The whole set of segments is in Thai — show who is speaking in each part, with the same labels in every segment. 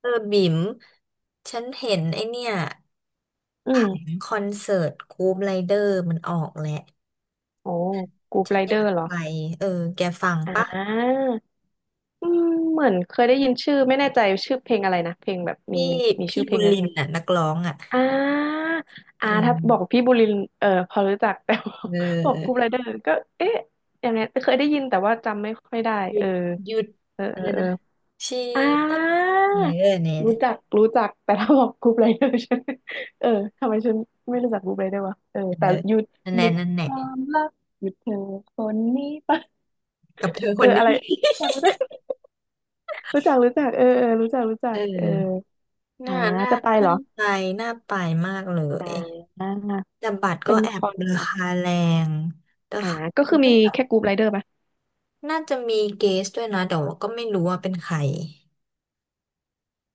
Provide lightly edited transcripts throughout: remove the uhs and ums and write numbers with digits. Speaker 1: เออบิ่มฉันเห็นไอเนี่ย
Speaker 2: อื
Speaker 1: ผัง
Speaker 2: ม
Speaker 1: คอนเสิร์ตกรู๊ปไรเดอร์มันออกแหละ
Speaker 2: โอ้กรูป
Speaker 1: ฉั
Speaker 2: ไร
Speaker 1: นอ
Speaker 2: เดอ
Speaker 1: ยาก
Speaker 2: ร์เหรอ
Speaker 1: ไปเออแกฟัง
Speaker 2: อ่
Speaker 1: ปะ
Speaker 2: าอืมเหมือนเคยได้ยินชื่อไม่แน่ใจชื่อเพลงอะไรนะเพลงแบบมี
Speaker 1: พี่พี่
Speaker 2: ชื่อเพ
Speaker 1: บุ
Speaker 2: ล
Speaker 1: ญ
Speaker 2: งอะ
Speaker 1: ลินน่ะนักร้องอ่ะ
Speaker 2: อ่า
Speaker 1: เออ
Speaker 2: ถ้าบอกพี่บุรินทร์เออพอรู้จัก แต่ว่า
Speaker 1: เ
Speaker 2: บอกกรูป
Speaker 1: ออ
Speaker 2: ไรเดอร์ก็เอ๊ะอย่างนี้เคยได้ยินแต่ว่าจำไม่ค่อยได้
Speaker 1: หยุ
Speaker 2: เอ
Speaker 1: ด
Speaker 2: อ
Speaker 1: หยุด
Speaker 2: เออ
Speaker 1: อะ
Speaker 2: เออ
Speaker 1: ไร
Speaker 2: เออ
Speaker 1: นะ ชี
Speaker 2: อ่า
Speaker 1: วิตเออเนี่
Speaker 2: รู้จั
Speaker 1: ย
Speaker 2: กรู้จักแต่ถ้าบอกกรูปไรเดอร์ฉันเออทำไมฉันไม่รู้จักกรูปไรเดอร์วะเออ
Speaker 1: เออ
Speaker 2: แต่หยุด
Speaker 1: นั่นแห
Speaker 2: หยุ
Speaker 1: ละ
Speaker 2: ด
Speaker 1: นั่นแห
Speaker 2: ควา
Speaker 1: ละ
Speaker 2: มรักหยุดเธอคนนี้ไป
Speaker 1: กับเธอ
Speaker 2: เอ
Speaker 1: ค
Speaker 2: อ
Speaker 1: น
Speaker 2: อะ
Speaker 1: นี้
Speaker 2: ไร รู้จักเออเออรู้จักรู้ จัก
Speaker 1: เอ
Speaker 2: เออ
Speaker 1: อ
Speaker 2: อ่า
Speaker 1: น่า
Speaker 2: จะไปเห
Speaker 1: น่า
Speaker 2: รอ
Speaker 1: ไปน่าไปมากเลย
Speaker 2: อ่า
Speaker 1: แต่บัตรก็
Speaker 2: เป็น
Speaker 1: แอ
Speaker 2: ค
Speaker 1: บ
Speaker 2: อน
Speaker 1: รา
Speaker 2: เหรอ
Speaker 1: คาแรงแต่
Speaker 2: อ่าก็คือมีแค่กรุ๊ปไรเดอร์ปะ
Speaker 1: น่าจะมีเกสด้วยนะแต่ว่าก็ไม่รู้ว่าเป็นใคร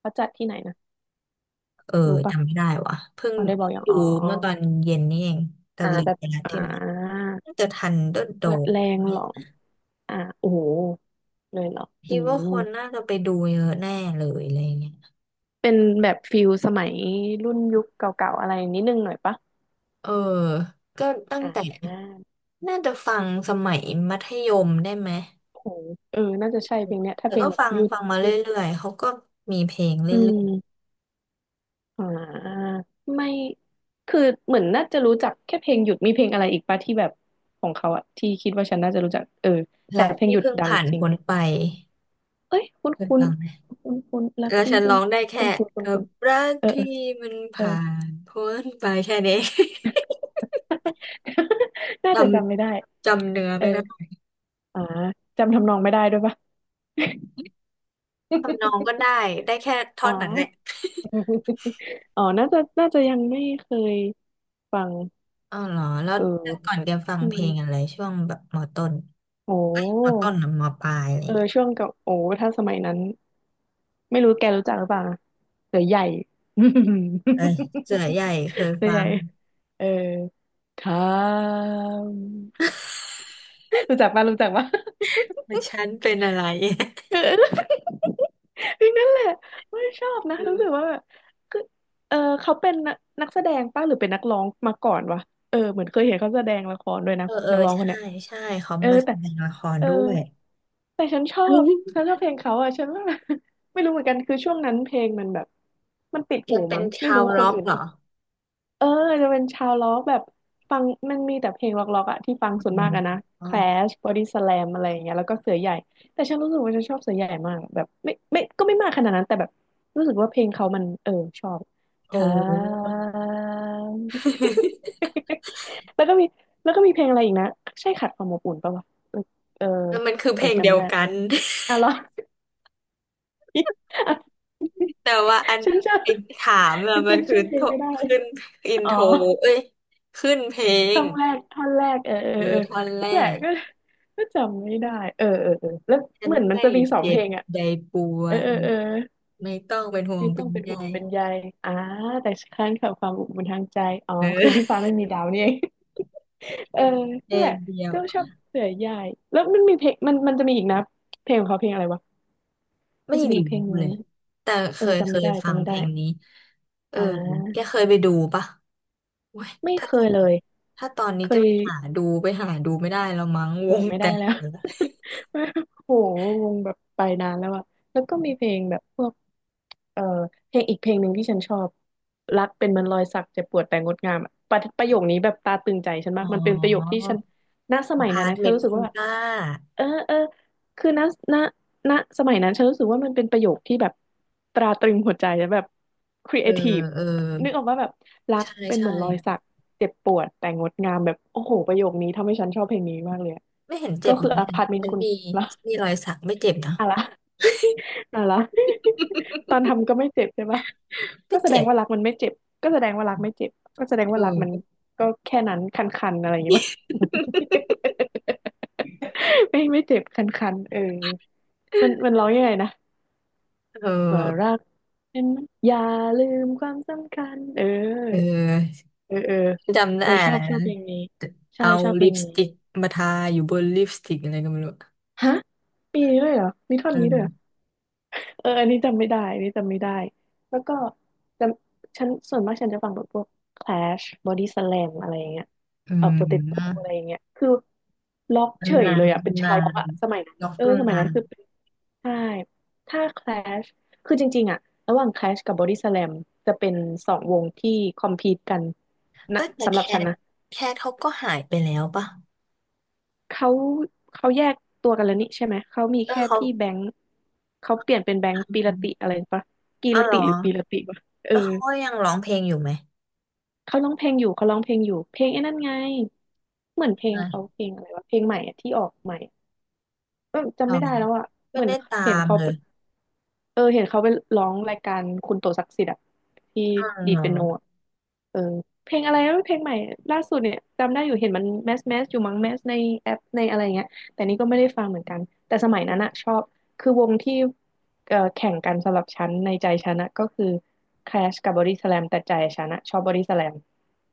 Speaker 2: เขาจัดที่ไหนนะ
Speaker 1: เออ
Speaker 2: รู้ปะ
Speaker 1: จำไม่ได้ว่ะเพิ่ง
Speaker 2: เขาได้บอกอย่าง
Speaker 1: ดู
Speaker 2: อ๋อ
Speaker 1: เมื่อตอนเย็นนี่เองแต่ลืม
Speaker 2: แบบ
Speaker 1: ไปแล้ว
Speaker 2: อ่
Speaker 1: ที่ไหน
Speaker 2: า
Speaker 1: น่าจะทันเดอร์โด
Speaker 2: แบบ
Speaker 1: ม
Speaker 2: แร
Speaker 1: ไห
Speaker 2: ง
Speaker 1: ม
Speaker 2: เหรอโอ้โหเลยเหรออื
Speaker 1: พี่ว่า
Speaker 2: ม
Speaker 1: คนน่าจะไปดูเยอะแน่เลยอะไรเงี้ย
Speaker 2: เป็นแบบฟิลสมัยรุ่นยุคเก่าๆอะไรนิดนึงหน่อยปะ
Speaker 1: เออก็ตั้ง
Speaker 2: อ่
Speaker 1: แต่
Speaker 2: า
Speaker 1: น่าจะฟังสมัยมัธยมได้ไหม
Speaker 2: โอ้โหเออน่าจะใช่เพลงเนี้ยถ้า
Speaker 1: แต่
Speaker 2: เพล
Speaker 1: ก็
Speaker 2: งแบบ
Speaker 1: ฟัง
Speaker 2: ยุด
Speaker 1: ฟังมาเร
Speaker 2: ยุด
Speaker 1: ื่อยๆเขาก็มีเพลงเรื่
Speaker 2: อื
Speaker 1: อย
Speaker 2: ม อ่าไม่คือเหมือนน่าจะรู้จักแค่เพลงหยุดมีเพลงอะไรอีกปะที่แบบของเขาอะที่คิดว่าฉันน่าจะรู้จักเออ
Speaker 1: ๆ
Speaker 2: แต่
Speaker 1: รัก
Speaker 2: เพลง
Speaker 1: ที่
Speaker 2: หยุด
Speaker 1: เพิ่ง
Speaker 2: ดัง
Speaker 1: ผ่าน
Speaker 2: จริง
Speaker 1: พ้นไป
Speaker 2: เอ้ยคุณน
Speaker 1: เคย
Speaker 2: คุณ
Speaker 1: ฟังไหม
Speaker 2: คุณคุณรัก
Speaker 1: แล้ว
Speaker 2: ที่
Speaker 1: ฉัน
Speaker 2: คุ
Speaker 1: ร้
Speaker 2: ณ
Speaker 1: องได้แค่
Speaker 2: คุณคุณนคุณ
Speaker 1: กั
Speaker 2: คุ
Speaker 1: บ
Speaker 2: ณ
Speaker 1: รัก
Speaker 2: เออเอ
Speaker 1: ที่
Speaker 2: อ
Speaker 1: มัน
Speaker 2: เออ
Speaker 1: ผ่านพ้นไปแค่นี้
Speaker 2: น่า
Speaker 1: จ
Speaker 2: จะจำไม่ได้
Speaker 1: จำเนื้อ
Speaker 2: เออ
Speaker 1: ไม่ได้
Speaker 2: อ่าจำทำนองไม่ได้ด้วยปะ
Speaker 1: ทำนองก็ได้ ได้แค่ท่
Speaker 2: อ๋
Speaker 1: อ
Speaker 2: อ
Speaker 1: นนั้นแหละ
Speaker 2: อ๋อน่าจะยังไม่เคยฟัง
Speaker 1: อ๋อเหรอแล้ว
Speaker 2: เออ
Speaker 1: แต่ก่อนแกฟัง
Speaker 2: ช่ว
Speaker 1: เพล
Speaker 2: ง
Speaker 1: งอะไรช่วงแบบมอต้น
Speaker 2: โอ
Speaker 1: เอ้ยมอต้
Speaker 2: ้
Speaker 1: นนะมอปลายอะไร
Speaker 2: เออ
Speaker 1: เงี้ย
Speaker 2: ช่วงกับโอ้ถ้าสมัยนั้น ไม่รู้แกรู้จักหรือเปล่านะเสือใหญ่
Speaker 1: เอ้ยเสือใหญ่เค ย
Speaker 2: เสือ
Speaker 1: ฟั
Speaker 2: ใหญ่
Speaker 1: ง
Speaker 2: เออทามรู้จักป่ะรู้จักป่ะ
Speaker 1: แต่ ฉันเป็นอะไร
Speaker 2: เออ พลงนั้นแหละไม่ชอบนะ
Speaker 1: อื
Speaker 2: รู้สึก
Speaker 1: ม
Speaker 2: ว่าแบบคือเออเขาเป็นนักแสดงป้ะหรือเป็นนักร้องมาก่อนวะเออเหมือนเคยเห็นเขาแสดงละครด้วยนะ
Speaker 1: เออ
Speaker 2: นักร้องค
Speaker 1: ใช่
Speaker 2: นเนี้ย
Speaker 1: ใช่เขา
Speaker 2: เออ
Speaker 1: มาแส
Speaker 2: แต่
Speaker 1: ดงละคร
Speaker 2: เออ
Speaker 1: ด้วย
Speaker 2: แต่ฉันชอบฉัน ชอบเพลงเขาอ่ะฉันว่า ไม่รู้เหมือนกันคือช่วงนั้นเพลงมันแบบมันติด
Speaker 1: แก
Speaker 2: หู
Speaker 1: เป็น
Speaker 2: มั้งไม่
Speaker 1: ชาว
Speaker 2: รู้ค
Speaker 1: ร็
Speaker 2: น
Speaker 1: อก
Speaker 2: อื่น
Speaker 1: เหรอ
Speaker 2: เออจะเป็นชาวล็อกแบบฟังมันมีแต่เพลงล็อกๆอะที่ฟัง
Speaker 1: อื
Speaker 2: ส่วน
Speaker 1: ม
Speaker 2: มากอะนะ
Speaker 1: อ๋อ
Speaker 2: Clash Body Slam อะไรอย่างเงี้ยแล้วก็เสือใหญ่แต่ฉันรู้สึกว่าฉันชอบเสือใหญ่มากแบบไม่ก็ไม่มากขนาดนั้นแต่แบบรู้สึกว่าเพลงเขามันเออชอบ
Speaker 1: โอ
Speaker 2: ท
Speaker 1: ้
Speaker 2: าง แล้วก็มีแล้วก็มีเพลงอะไรอีกนะใช่ขัดความอบอุ่นป่าวะเออเออ
Speaker 1: แล้วมันคือ
Speaker 2: เอ
Speaker 1: เพ
Speaker 2: อ
Speaker 1: ลง
Speaker 2: จำ
Speaker 1: เดี
Speaker 2: ไม่
Speaker 1: ยว
Speaker 2: ได้
Speaker 1: กัน
Speaker 2: อ่ะเหรอ
Speaker 1: แต่ว่าอัน
Speaker 2: ฉันจ
Speaker 1: ไอ้ถาม
Speaker 2: ำ
Speaker 1: อะ
Speaker 2: ฉัน
Speaker 1: มัน
Speaker 2: จำ
Speaker 1: คือ
Speaker 2: ชื่อเพล
Speaker 1: โท
Speaker 2: งไม่ได้
Speaker 1: ขึ้นอิน
Speaker 2: อ๋อ
Speaker 1: โทรเอ้ยขึ้นเพลง
Speaker 2: ท่อนแรกท่อนแรกเออเออ
Speaker 1: เออ
Speaker 2: เออ
Speaker 1: ท่อนแร
Speaker 2: นั่นแหละ
Speaker 1: ก
Speaker 2: ก็ก็จำไม่ได้เออเออเออแล้ว
Speaker 1: ฉัน
Speaker 2: เหมือนมัน
Speaker 1: ไม่
Speaker 2: จะมีสอง
Speaker 1: เจ็
Speaker 2: เพ
Speaker 1: บ
Speaker 2: ลงอ่ะ
Speaker 1: ใดปว
Speaker 2: เออ
Speaker 1: ด
Speaker 2: เออเออ
Speaker 1: ไม่ต้องเป็นห่วง
Speaker 2: ไม่
Speaker 1: เป็
Speaker 2: ต้อ
Speaker 1: น
Speaker 2: งเป็น
Speaker 1: ใย
Speaker 2: ห่วงเป็นใยอ่าแต่ค้างกับความอบอุ่นทางใจอ๋อ
Speaker 1: เอ
Speaker 2: คือที่ฟ้า
Speaker 1: อ
Speaker 2: ไม่มีดาวนี่เอง เออ
Speaker 1: เพล
Speaker 2: นั่นแห
Speaker 1: ง
Speaker 2: ละ
Speaker 1: เดียว
Speaker 2: ก็ชอบเสือใหญ่แล้วมันมีเพลงมันจะมีอีกนะเพลงของเขาเพลงอะไรวะมั
Speaker 1: ไม่
Speaker 2: นจะมีอี
Speaker 1: รู้
Speaker 2: กเพลงหนึง
Speaker 1: เลยแต่เคย
Speaker 2: จำ
Speaker 1: เค
Speaker 2: ไม่
Speaker 1: ย
Speaker 2: ได้
Speaker 1: ฟั
Speaker 2: จำ
Speaker 1: ง
Speaker 2: ไม่
Speaker 1: เพ
Speaker 2: ได้
Speaker 1: ลงนี้เออ
Speaker 2: อ่
Speaker 1: แก
Speaker 2: า
Speaker 1: เคยไปดูปะโอ้ย
Speaker 2: ไม่
Speaker 1: ถ้า
Speaker 2: เคยเลย
Speaker 1: ถ้าตอนนี้
Speaker 2: เค
Speaker 1: จะ
Speaker 2: ย
Speaker 1: ไปหาดูไปหาดูไม่ได้แล้วมั้ง
Speaker 2: โห
Speaker 1: วง
Speaker 2: ไม่
Speaker 1: แต
Speaker 2: ได้
Speaker 1: ก
Speaker 2: แล้ว
Speaker 1: แล้ว
Speaker 2: โหวงแบบไปนานแล้วอะแล้วก็มีเพลงแบบพวกเอ่อเพลงอีกเพลงหนึ่งที่ฉันชอบรักเป็นเหมันรอยสักเจ็บปวดแต่งดงามอะประโยคนี้แบบตาตึงใจฉัน
Speaker 1: อ๋
Speaker 2: มาก
Speaker 1: อ
Speaker 2: มันเป็นประโยคที่ฉันณสมัย
Speaker 1: พา
Speaker 2: นั้น
Speaker 1: ร์ท
Speaker 2: นะ
Speaker 1: เม
Speaker 2: ฉัน
Speaker 1: นต์
Speaker 2: รู้สึก
Speaker 1: คุณ
Speaker 2: ว่า
Speaker 1: ป้า
Speaker 2: เออเออคือณณสมัยนั้นฉันรู้สึกว่ามันเป็นประโยคที่แบบตราตรึงหัวใจและแบบครี
Speaker 1: เอ
Speaker 2: เอ
Speaker 1: อ
Speaker 2: ทีฟ
Speaker 1: เออ
Speaker 2: นึกออกว่าแบบรัก
Speaker 1: ใช่
Speaker 2: เป็นเห
Speaker 1: ใช่
Speaker 2: มือนรอยสักเจ็บปวดแต่งดงามแบบโอ้โหประโยคนี้ทำให้ฉันชอบเพลงนี้มากเลยอะ
Speaker 1: ไม่เห็นเจ็
Speaker 2: ก็
Speaker 1: บอ
Speaker 2: คือ
Speaker 1: ย่าง
Speaker 2: อ
Speaker 1: นี้
Speaker 2: พาร์ตเมน
Speaker 1: ฉั
Speaker 2: ต์
Speaker 1: น
Speaker 2: คุณ
Speaker 1: มี
Speaker 2: นะ
Speaker 1: ฉันมีรอยสักไม่เจ็บนะ
Speaker 2: อะไร อะไร ตอ นทำก็ไม่เจ็บใช่ปะ
Speaker 1: ไม่
Speaker 2: ก็แสด
Speaker 1: เจ็
Speaker 2: ง
Speaker 1: บ
Speaker 2: ว่ารักมันไม่เจ็บก็แสดงว่ารักไม่เจ็บก็แสดง
Speaker 1: เอ
Speaker 2: ว่ารัก
Speaker 1: อ
Speaker 2: มันก็แค่นั้นคันๆอะไรอย่างงี้ปะ ไม่ไม่เจ็บคันๆเออมันมันร้องยังไงนะ
Speaker 1: เอ
Speaker 2: ว่ารั
Speaker 1: อ
Speaker 2: กเป็นอย่าลืมความสำคัญเออ
Speaker 1: เออ
Speaker 2: เออเออ
Speaker 1: จำได้
Speaker 2: เออช
Speaker 1: อะ
Speaker 2: อ
Speaker 1: ไร
Speaker 2: บชอ
Speaker 1: นะ
Speaker 2: บเพลงนี้ใช่
Speaker 1: เอา
Speaker 2: ชอบเพ
Speaker 1: ลิ
Speaker 2: ล
Speaker 1: ป
Speaker 2: ง
Speaker 1: ส
Speaker 2: นี้
Speaker 1: ติกมาทาอยู่บนลิปสติกอะไรก็ไม่รู้
Speaker 2: ฮะมีด้วยเหรอมีท่อน
Speaker 1: เอ
Speaker 2: นี้ด้วยเหรอ
Speaker 1: อ
Speaker 2: เอออันนี้จำไม่ได้ อันนี้จำไม่ได้ แล้วก็จฉันส่วนมากฉันจะฟังแบบพวก Clash Body Slam อะไรอย่างเงี้ย
Speaker 1: อื
Speaker 2: เออ Potato
Speaker 1: ม
Speaker 2: อะไรอย่างเงี้ยคือล็อกเฉ
Speaker 1: ตำ
Speaker 2: ย
Speaker 1: นา
Speaker 2: เล
Speaker 1: น
Speaker 2: ยอ่ะเป็น
Speaker 1: ตำนา
Speaker 2: ชาวล็อ
Speaker 1: น
Speaker 2: กอ่ะสมัยนั้น
Speaker 1: ล็อก
Speaker 2: เออ
Speaker 1: ตำ
Speaker 2: สมัย
Speaker 1: นา
Speaker 2: นั้
Speaker 1: น
Speaker 2: นคือเป็นใช่ ถ้า Clash คือจริงๆอ่ะระหว่าง Clash กับ Body Slam จะเป็นสองวงที่คอมพีตกันนะ
Speaker 1: เอ้ยแต่
Speaker 2: สำหรับฉัน
Speaker 1: ท
Speaker 2: นะ
Speaker 1: แคทเขาก็หายไปแล้วป่ะ
Speaker 2: เขาเขาแยกตัวกันแล้วนี่ใช่ไหมเขามี
Speaker 1: เออ
Speaker 2: แค่
Speaker 1: เขา
Speaker 2: พี่แบงค์เขาเปลี่ยนเป็นแบงค์
Speaker 1: อ
Speaker 2: ปีละติ
Speaker 1: ม
Speaker 2: อะไรปะกี
Speaker 1: อ้า
Speaker 2: ร
Speaker 1: วเหร
Speaker 2: ติ
Speaker 1: อ
Speaker 2: หรือปีละติปะเออ
Speaker 1: แล้วเขาก็ยังร้องเพลงอยู่ไหม
Speaker 2: เขาร้องเพลงอยู่เขาร้องเพลงอยู่เพลงไอ้นั่นไงเหมือนเพลงเขาเพลงอะไรวะเพลงใหม่อะที่ออกใหม่เออจำ
Speaker 1: อ๋อ
Speaker 2: ไม่ได้แล้วอะเห
Speaker 1: ไม่
Speaker 2: มือน
Speaker 1: ได้ตา
Speaker 2: เห็น
Speaker 1: ม
Speaker 2: เขา
Speaker 1: เลย
Speaker 2: เออเห็นเขาไปร้องรายการคุณโตศักดิ์สิทธิ์อะที่
Speaker 1: อ๋อ
Speaker 2: ดี
Speaker 1: เหร
Speaker 2: ด
Speaker 1: อ
Speaker 2: เปียโนอะเออเพลงอะไรนะเพลงใหม่ล่าสุดเนี่ยจำได้อยู่เห็นมันแมสแมสอยู่มั้งแมสในแอปในอะไรเงี้ยแต่นี่ก็ไม่ได้ฟังเหมือนกันแต่สมัยนั้นอะชอบคือวงที่เออแข่งกันสำหรับฉันในใจฉันอะก็คือ Clash กับ Body Slam แต่ใจฉันอะชอบ Body Slam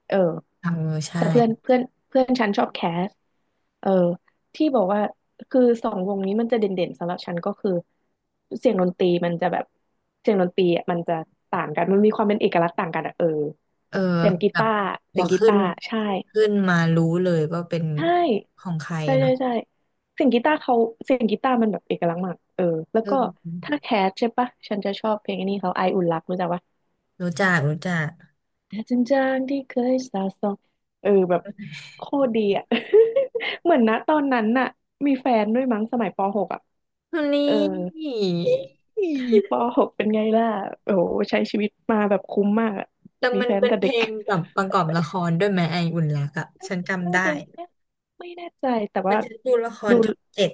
Speaker 2: เออ
Speaker 1: เออใช่
Speaker 2: แต่เพื่อนเพื่อนเพื่อนฉันชอบแคสเออ ที่บอกว่าคือสองวงนี้มันจะเด่นๆสำหรับฉันก็คือเสียงดนตรีมันจะแบบเสียงดนตรีอ่ะมันจะต่างกันมันมีความเป็นเอกลักษณ์ต่างกันอ่ะเออ
Speaker 1: เออ
Speaker 2: เสียงกี
Speaker 1: แบบ
Speaker 2: ตาร์
Speaker 1: พ
Speaker 2: เสี
Speaker 1: อ
Speaker 2: ยงกี
Speaker 1: ขึ้
Speaker 2: ตา
Speaker 1: น
Speaker 2: ร์ใช่
Speaker 1: ขึ้นมารู้เลยว่าเป็น
Speaker 2: ใช่
Speaker 1: ของใคร
Speaker 2: ใช่ใช่
Speaker 1: เนาะ
Speaker 2: ใช่เสียงกีตาร์เขาเสียงกีตาร์มันแบบเอกลักษณ์มากเออแล้ว
Speaker 1: เอ
Speaker 2: ก็
Speaker 1: อ
Speaker 2: ถ้าแคสใช่ปะฉันจะชอบเพลงอันนี้เขาไออุ่นรักรู้จักปะ
Speaker 1: รู้จักรู้จัก
Speaker 2: แต่จริงๆที่เคยสาสองเออแบบโคตรดีอ่ะ เหมือนนะตอนนั้นน่ะมีแฟนด้วยมั้งสมัยปหกอ่ะ
Speaker 1: วัน
Speaker 2: เอ
Speaker 1: นี้
Speaker 2: อ อีปหกเป็นไงล่ะโอ้โหใช้ชีวิตมาแบบคุ้มมากอะ
Speaker 1: แต่
Speaker 2: มี
Speaker 1: มัน
Speaker 2: แฟน
Speaker 1: เป็น
Speaker 2: แต่
Speaker 1: เพ
Speaker 2: เด็
Speaker 1: ล
Speaker 2: ก
Speaker 1: งแบบประกอบละครด้วยไหมไออุ่นรักอะฉัน จำ
Speaker 2: น่า
Speaker 1: ได้
Speaker 2: จะไม่แน่ใจแต่
Speaker 1: มัน
Speaker 2: ว่า
Speaker 1: ฉันดูละคร
Speaker 2: ดู
Speaker 1: ช่องเจ็ด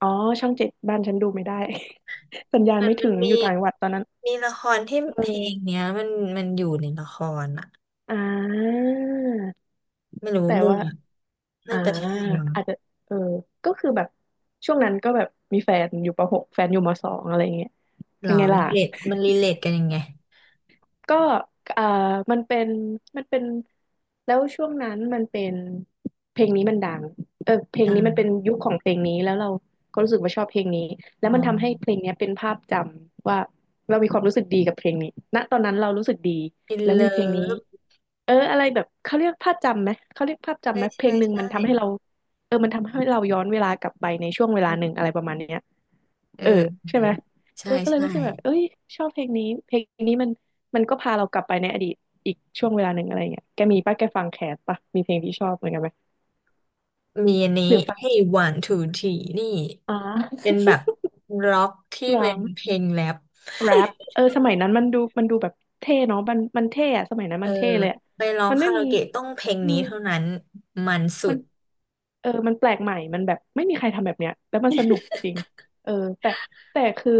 Speaker 2: อ๋อช่องเจ็ดบ้านฉันดูไม่ได้ สัญญาณ
Speaker 1: มัน
Speaker 2: ไม่
Speaker 1: มั
Speaker 2: ถึ
Speaker 1: น
Speaker 2: ง
Speaker 1: มี
Speaker 2: อยู่ต่างจังหวัดตอนนั้น
Speaker 1: มีละครที่
Speaker 2: เ
Speaker 1: เพลง
Speaker 2: ออ
Speaker 1: เนี้ยมันอยู่ในละครอะ
Speaker 2: อ่า
Speaker 1: ไม่รู้
Speaker 2: แต่
Speaker 1: มั่
Speaker 2: ว่า
Speaker 1: ว
Speaker 2: อ่า
Speaker 1: น่าจะใช่มั้ง
Speaker 2: อาจจะเออก็คือแบบช่วงนั้นก็แบบมีแฟนอยู่ปหกแฟนอยู่มสองอะไรอย่างเงี้ย
Speaker 1: หร
Speaker 2: เป็
Speaker 1: อ
Speaker 2: นไง
Speaker 1: รี
Speaker 2: ล่ะ
Speaker 1: เลทรีเลทกันยังไง
Speaker 2: ก็เอ่อมันเป็นมันเป็นแล้วช่วงนั้นมันเป็นเพลงนี้มันดังเออเพล
Speaker 1: เอ
Speaker 2: งนี้มันเป็น
Speaker 1: อ
Speaker 2: ยุคของเพลงนี้แล้วเราก็รู้สึกว่าชอบเพลงนี้แล้
Speaker 1: อื
Speaker 2: วมัน
Speaker 1: ม
Speaker 2: ทำให้เพลงเนี้ยเป็นภาพจำว่าเรามีความรู้สึกดีกับเพลงนี้ณตอนนั้นเรารู้สึกดี
Speaker 1: อิน
Speaker 2: แล้ว
Speaker 1: เลิ
Speaker 2: มีเพลงนี้
Speaker 1: ฟ
Speaker 2: เอออะไรแบบเขาเรียกภาพจำไหมเขาเรียกภาพจำ
Speaker 1: ใช่
Speaker 2: ไหมเพล
Speaker 1: ใช่
Speaker 2: งหนึ่ง
Speaker 1: ใช่
Speaker 2: มันทำให้เราเออมันทำให้เราย้อนเวลากลับไปในช่วงเวลาหนึ่งอะไรประมาณเนี้ย
Speaker 1: เออ
Speaker 2: เออ
Speaker 1: เอ
Speaker 2: ใช่
Speaker 1: อ
Speaker 2: ไหมเอ
Speaker 1: ใช่
Speaker 2: อก็เลย
Speaker 1: ใช่
Speaker 2: รู้สึกแบบเอ้ยชอบเพลงนี้เพลงนี้มันก็พาเรากลับไปในอดีตอีกช่วงเวลาหนึ่งอะไรเงี้ยแกมีป่ะแกฟังแคสป่ะมีเพลงที่ชอบเหมือนกันไหม
Speaker 1: มีอันนี้
Speaker 2: หรือฟัง
Speaker 1: Hey One Two Three นี่
Speaker 2: อ๋อ
Speaker 1: เป็นแบบร็อกที่
Speaker 2: เหรอ
Speaker 1: เป็นเพลงแรป
Speaker 2: แร ปเออสมัยนั้นมันดูแบบเท่เนาะมันเท่อะสมัยนั้น
Speaker 1: เอ
Speaker 2: มั
Speaker 1: อ
Speaker 2: นเท่เลยอะ
Speaker 1: ไปร้อง
Speaker 2: มันไม่
Speaker 1: คารา
Speaker 2: มี
Speaker 1: โอเกะต้องเพลง
Speaker 2: อื
Speaker 1: นี้
Speaker 2: ม
Speaker 1: เท่านั้นมันสุ
Speaker 2: มัน
Speaker 1: ด
Speaker 2: เออมันแปลกใหม่มันแบบไม่มีใครทำแบบเนี้ย แล้วมันสนุกจริงเออแต่แต่คือ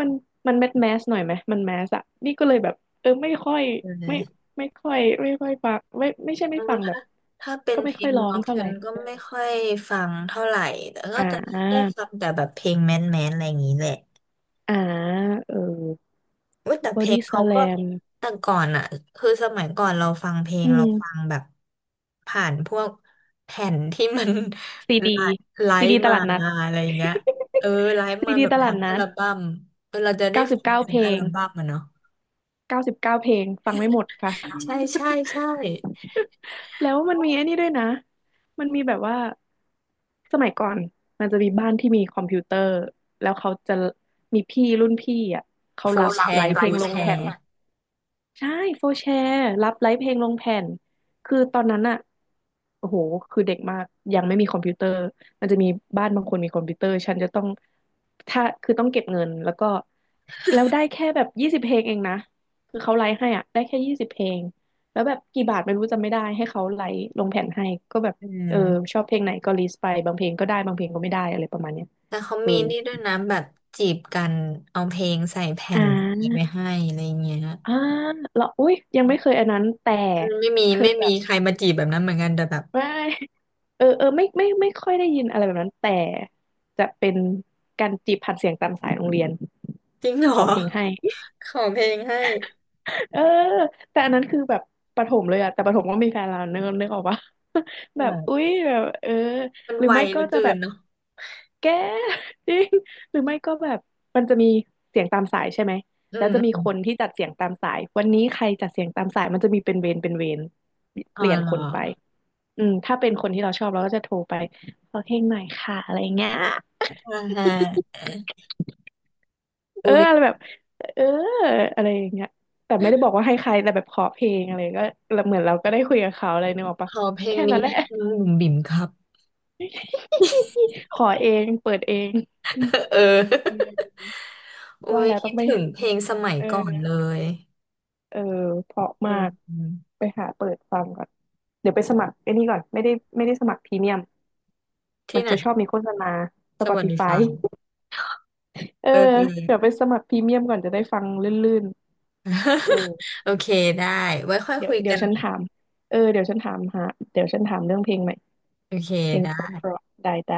Speaker 2: มันมันแมสแมสหน่อยไหม มันแมสอะนี่ก็เลยแบบเออไม่ค่อย
Speaker 1: เล
Speaker 2: ไม่
Speaker 1: ย
Speaker 2: ฟังไม่ใช่ไม่
Speaker 1: แล้ว
Speaker 2: ฟังแบ
Speaker 1: ถ้า
Speaker 2: บ
Speaker 1: ถ้าเป็น
Speaker 2: ก็
Speaker 1: เพ
Speaker 2: ไม่
Speaker 1: ล
Speaker 2: ค่อ
Speaker 1: ง
Speaker 2: ยร้อง
Speaker 1: ร็อก
Speaker 2: เท่าไห
Speaker 1: ฉั
Speaker 2: ร่
Speaker 1: นก็ไม่
Speaker 2: อ
Speaker 1: ค่อยฟังเท่าไหร่แต่
Speaker 2: อ
Speaker 1: ก็จะได้
Speaker 2: ่า
Speaker 1: ฟังแต่แบบเพลงแมนแมนอะไรอย่างนี้แหละ
Speaker 2: อ่าเออ
Speaker 1: อุ๊ยแต่
Speaker 2: บ
Speaker 1: เพ
Speaker 2: อ
Speaker 1: ลง
Speaker 2: ดี้ส
Speaker 1: เขา
Speaker 2: แล
Speaker 1: ก็
Speaker 2: ม
Speaker 1: แต่ก่อนอ่ะคือสมัยก่อนเราฟังเพลง
Speaker 2: อื
Speaker 1: เราฟัง
Speaker 2: ม
Speaker 1: แบบผ่านพวกแผ่นที่มัน
Speaker 2: ซี ดี
Speaker 1: ไลฟ์ไล
Speaker 2: ซี
Speaker 1: ฟ์
Speaker 2: ดีต
Speaker 1: มา
Speaker 2: ลาดนัด
Speaker 1: อะไรเงี้ยเออไล ฟ์
Speaker 2: ซี
Speaker 1: มา
Speaker 2: ดี
Speaker 1: แบบ
Speaker 2: ตลา
Speaker 1: ทั้
Speaker 2: ด
Speaker 1: งอั
Speaker 2: นัด
Speaker 1: ลบั้มเออเราจะได้
Speaker 2: เก้าสิบ
Speaker 1: ฟัง
Speaker 2: เก้า
Speaker 1: ถึ
Speaker 2: เพ
Speaker 1: ง
Speaker 2: ล
Speaker 1: อัล
Speaker 2: ง
Speaker 1: บั้มอะเนาะ
Speaker 2: เก้าสิบเก้าเพลงฟังไม่หมดค่ะ
Speaker 1: ใช่ใช่ใช่
Speaker 2: แล้วมันมีไอ้นี่ด้วยนะ มันมีแบบว่าสมัยก่อนมันจะมีบ้านที่มีคอมพิวเตอร์แล้วเขาจะมีพี่รุ่นพี่อ่ะเขา
Speaker 1: ฟู
Speaker 2: รับ
Speaker 1: เแช
Speaker 2: ไล
Speaker 1: ร์
Speaker 2: ฟ์
Speaker 1: ล
Speaker 2: เพล
Speaker 1: ฟู
Speaker 2: งล
Speaker 1: แช
Speaker 2: งแผ่น
Speaker 1: ร์
Speaker 2: ใช่โฟร์แชร์รับไลฟ์เพลงลงแผ่นคือตอนนั้นอะโอ้โหคือเด็กมากยังไม่มีคอมพิวเตอร์ มันจะมีบ้านบางคนมีคอมพิวเตอร์ ฉันจะต้องถ้าคือต้องเก็บเงินแล้วก็แล้วได้แค่แบบยี่สิบเพลงเองนะคือเขาไลฟ์ให้อะได้แค่ยี่สิบเพลงแล้วแบบกี่บาทไม่รู้จำไม่ได้ให้เขาไลฟ์ลงแผ่นให้ก็แบบ
Speaker 1: อื
Speaker 2: เออ
Speaker 1: ม
Speaker 2: ชอบเพลงไหนก็ลิสต์ไปบางเพลงก็ได้บางเพลงก็ไม่ได้อะไรประมาณเนี้ย
Speaker 1: แต่เขา
Speaker 2: เออ
Speaker 1: มีนี่ด้วยนะแบบจีบกันเอาเพลงใส่แผ่
Speaker 2: อ่
Speaker 1: น
Speaker 2: า
Speaker 1: ไปให้อะไรเงี้ย
Speaker 2: อ่าแร้อุ้ยยังไม่เคยอันนั้นแต่
Speaker 1: อืมไม่มี
Speaker 2: เค
Speaker 1: ไม่
Speaker 2: ยแบ
Speaker 1: มี
Speaker 2: บ
Speaker 1: ใครมาจีบแบบนั้นเหมือนกันแต่แบบ
Speaker 2: ไม่ เออเออไม่ไม่ค่อยได้ยินอะไรแบบนั้นแต่จะเป็นการจีบผ่านเสียงตามสายโรงเรียน
Speaker 1: จริงเหร
Speaker 2: ข
Speaker 1: อ
Speaker 2: อเพลงให้
Speaker 1: ขอเพลงให้
Speaker 2: เออแต่อันนั้นคือแบบประถมเลยอะแต่ประถมก็มีแฟนแล้วนึกออกปะ แบบ
Speaker 1: แบบ
Speaker 2: อุ๊ยแบบเออ
Speaker 1: มัน
Speaker 2: หรือ
Speaker 1: ไว
Speaker 2: ไม่
Speaker 1: เห
Speaker 2: ก็
Speaker 1: ลือ
Speaker 2: จะ
Speaker 1: เกิ
Speaker 2: แบ
Speaker 1: น
Speaker 2: บ
Speaker 1: เนาะ
Speaker 2: แก จริงหรือไม่ก็แบบมันจะมีเสียงตามสายใช่ไหม
Speaker 1: อื
Speaker 2: แล้
Speaker 1: ม
Speaker 2: วจะมี
Speaker 1: อม
Speaker 2: คนที่จัดเสียงตามสายวันนี้ใครจัดเสียงตามสายมันจะมีเป็นเวรเป็นเวร
Speaker 1: อ๋
Speaker 2: เป
Speaker 1: อ
Speaker 2: ลี่ยน
Speaker 1: เหร
Speaker 2: ค
Speaker 1: อ
Speaker 2: นไปอืมถ้าเป็นคนที่เราชอบเราก็จะโทรไปขอเพลงหน่อยค่ะอะไรอย่างเงี้ย
Speaker 1: อ่าฮะ
Speaker 2: เอ
Speaker 1: อุ้
Speaker 2: อ
Speaker 1: ย
Speaker 2: อะไรแบบเอออะไรอย่างเงี้ยแต่ไม่ได้บอกว่าให้ใครแต่แบบขอเพลงอะไรก็เหมือนเราก็ได้คุยกับเขาอะไรนึกออก
Speaker 1: ข
Speaker 2: ปะ
Speaker 1: อเพลง
Speaker 2: แค่
Speaker 1: นี้
Speaker 2: นั้นแหละ
Speaker 1: ให้น้องบุ๋มบิ๋มครับ
Speaker 2: ขอเองเปิดเอง
Speaker 1: เอ
Speaker 2: อื
Speaker 1: อ
Speaker 2: ม
Speaker 1: อุ้
Speaker 2: ว่า
Speaker 1: ย
Speaker 2: แล้วต้
Speaker 1: คิ
Speaker 2: อ
Speaker 1: ด
Speaker 2: งไป
Speaker 1: ถึงเพลงสมัย
Speaker 2: เออ
Speaker 1: ก่อนเลย
Speaker 2: เออเพราะ
Speaker 1: อื
Speaker 2: มา
Speaker 1: ม
Speaker 2: ก
Speaker 1: อืม
Speaker 2: ไปหาเปิดฟังก่อนเดี๋ยวไปสมัครไอ้นี่ก่อนไม่ได้ไม่ได้สมัครพรีเมียม
Speaker 1: ที่
Speaker 2: มัน
Speaker 1: ไหน
Speaker 2: จะชอบมีโฆษณา
Speaker 1: สวัสดี
Speaker 2: Spotify
Speaker 1: ฟัง
Speaker 2: เออ
Speaker 1: เออ
Speaker 2: เดี๋ยวไปสมัครพรีเมียมก่อนจะได้ฟังลื่นๆเออ
Speaker 1: โอเคได้ไว้ค่อย
Speaker 2: เดี๋ย
Speaker 1: คุ
Speaker 2: ว
Speaker 1: ย
Speaker 2: เดี๋
Speaker 1: กั
Speaker 2: ยว
Speaker 1: น
Speaker 2: ฉัน
Speaker 1: ใหม่
Speaker 2: ถามเออเดี๋ยวฉันถามหาเดี๋ยวฉันถามเรื่องเพลงใหม่
Speaker 1: โอเค
Speaker 2: เพลง
Speaker 1: ได้
Speaker 2: เพราะๆได้ได้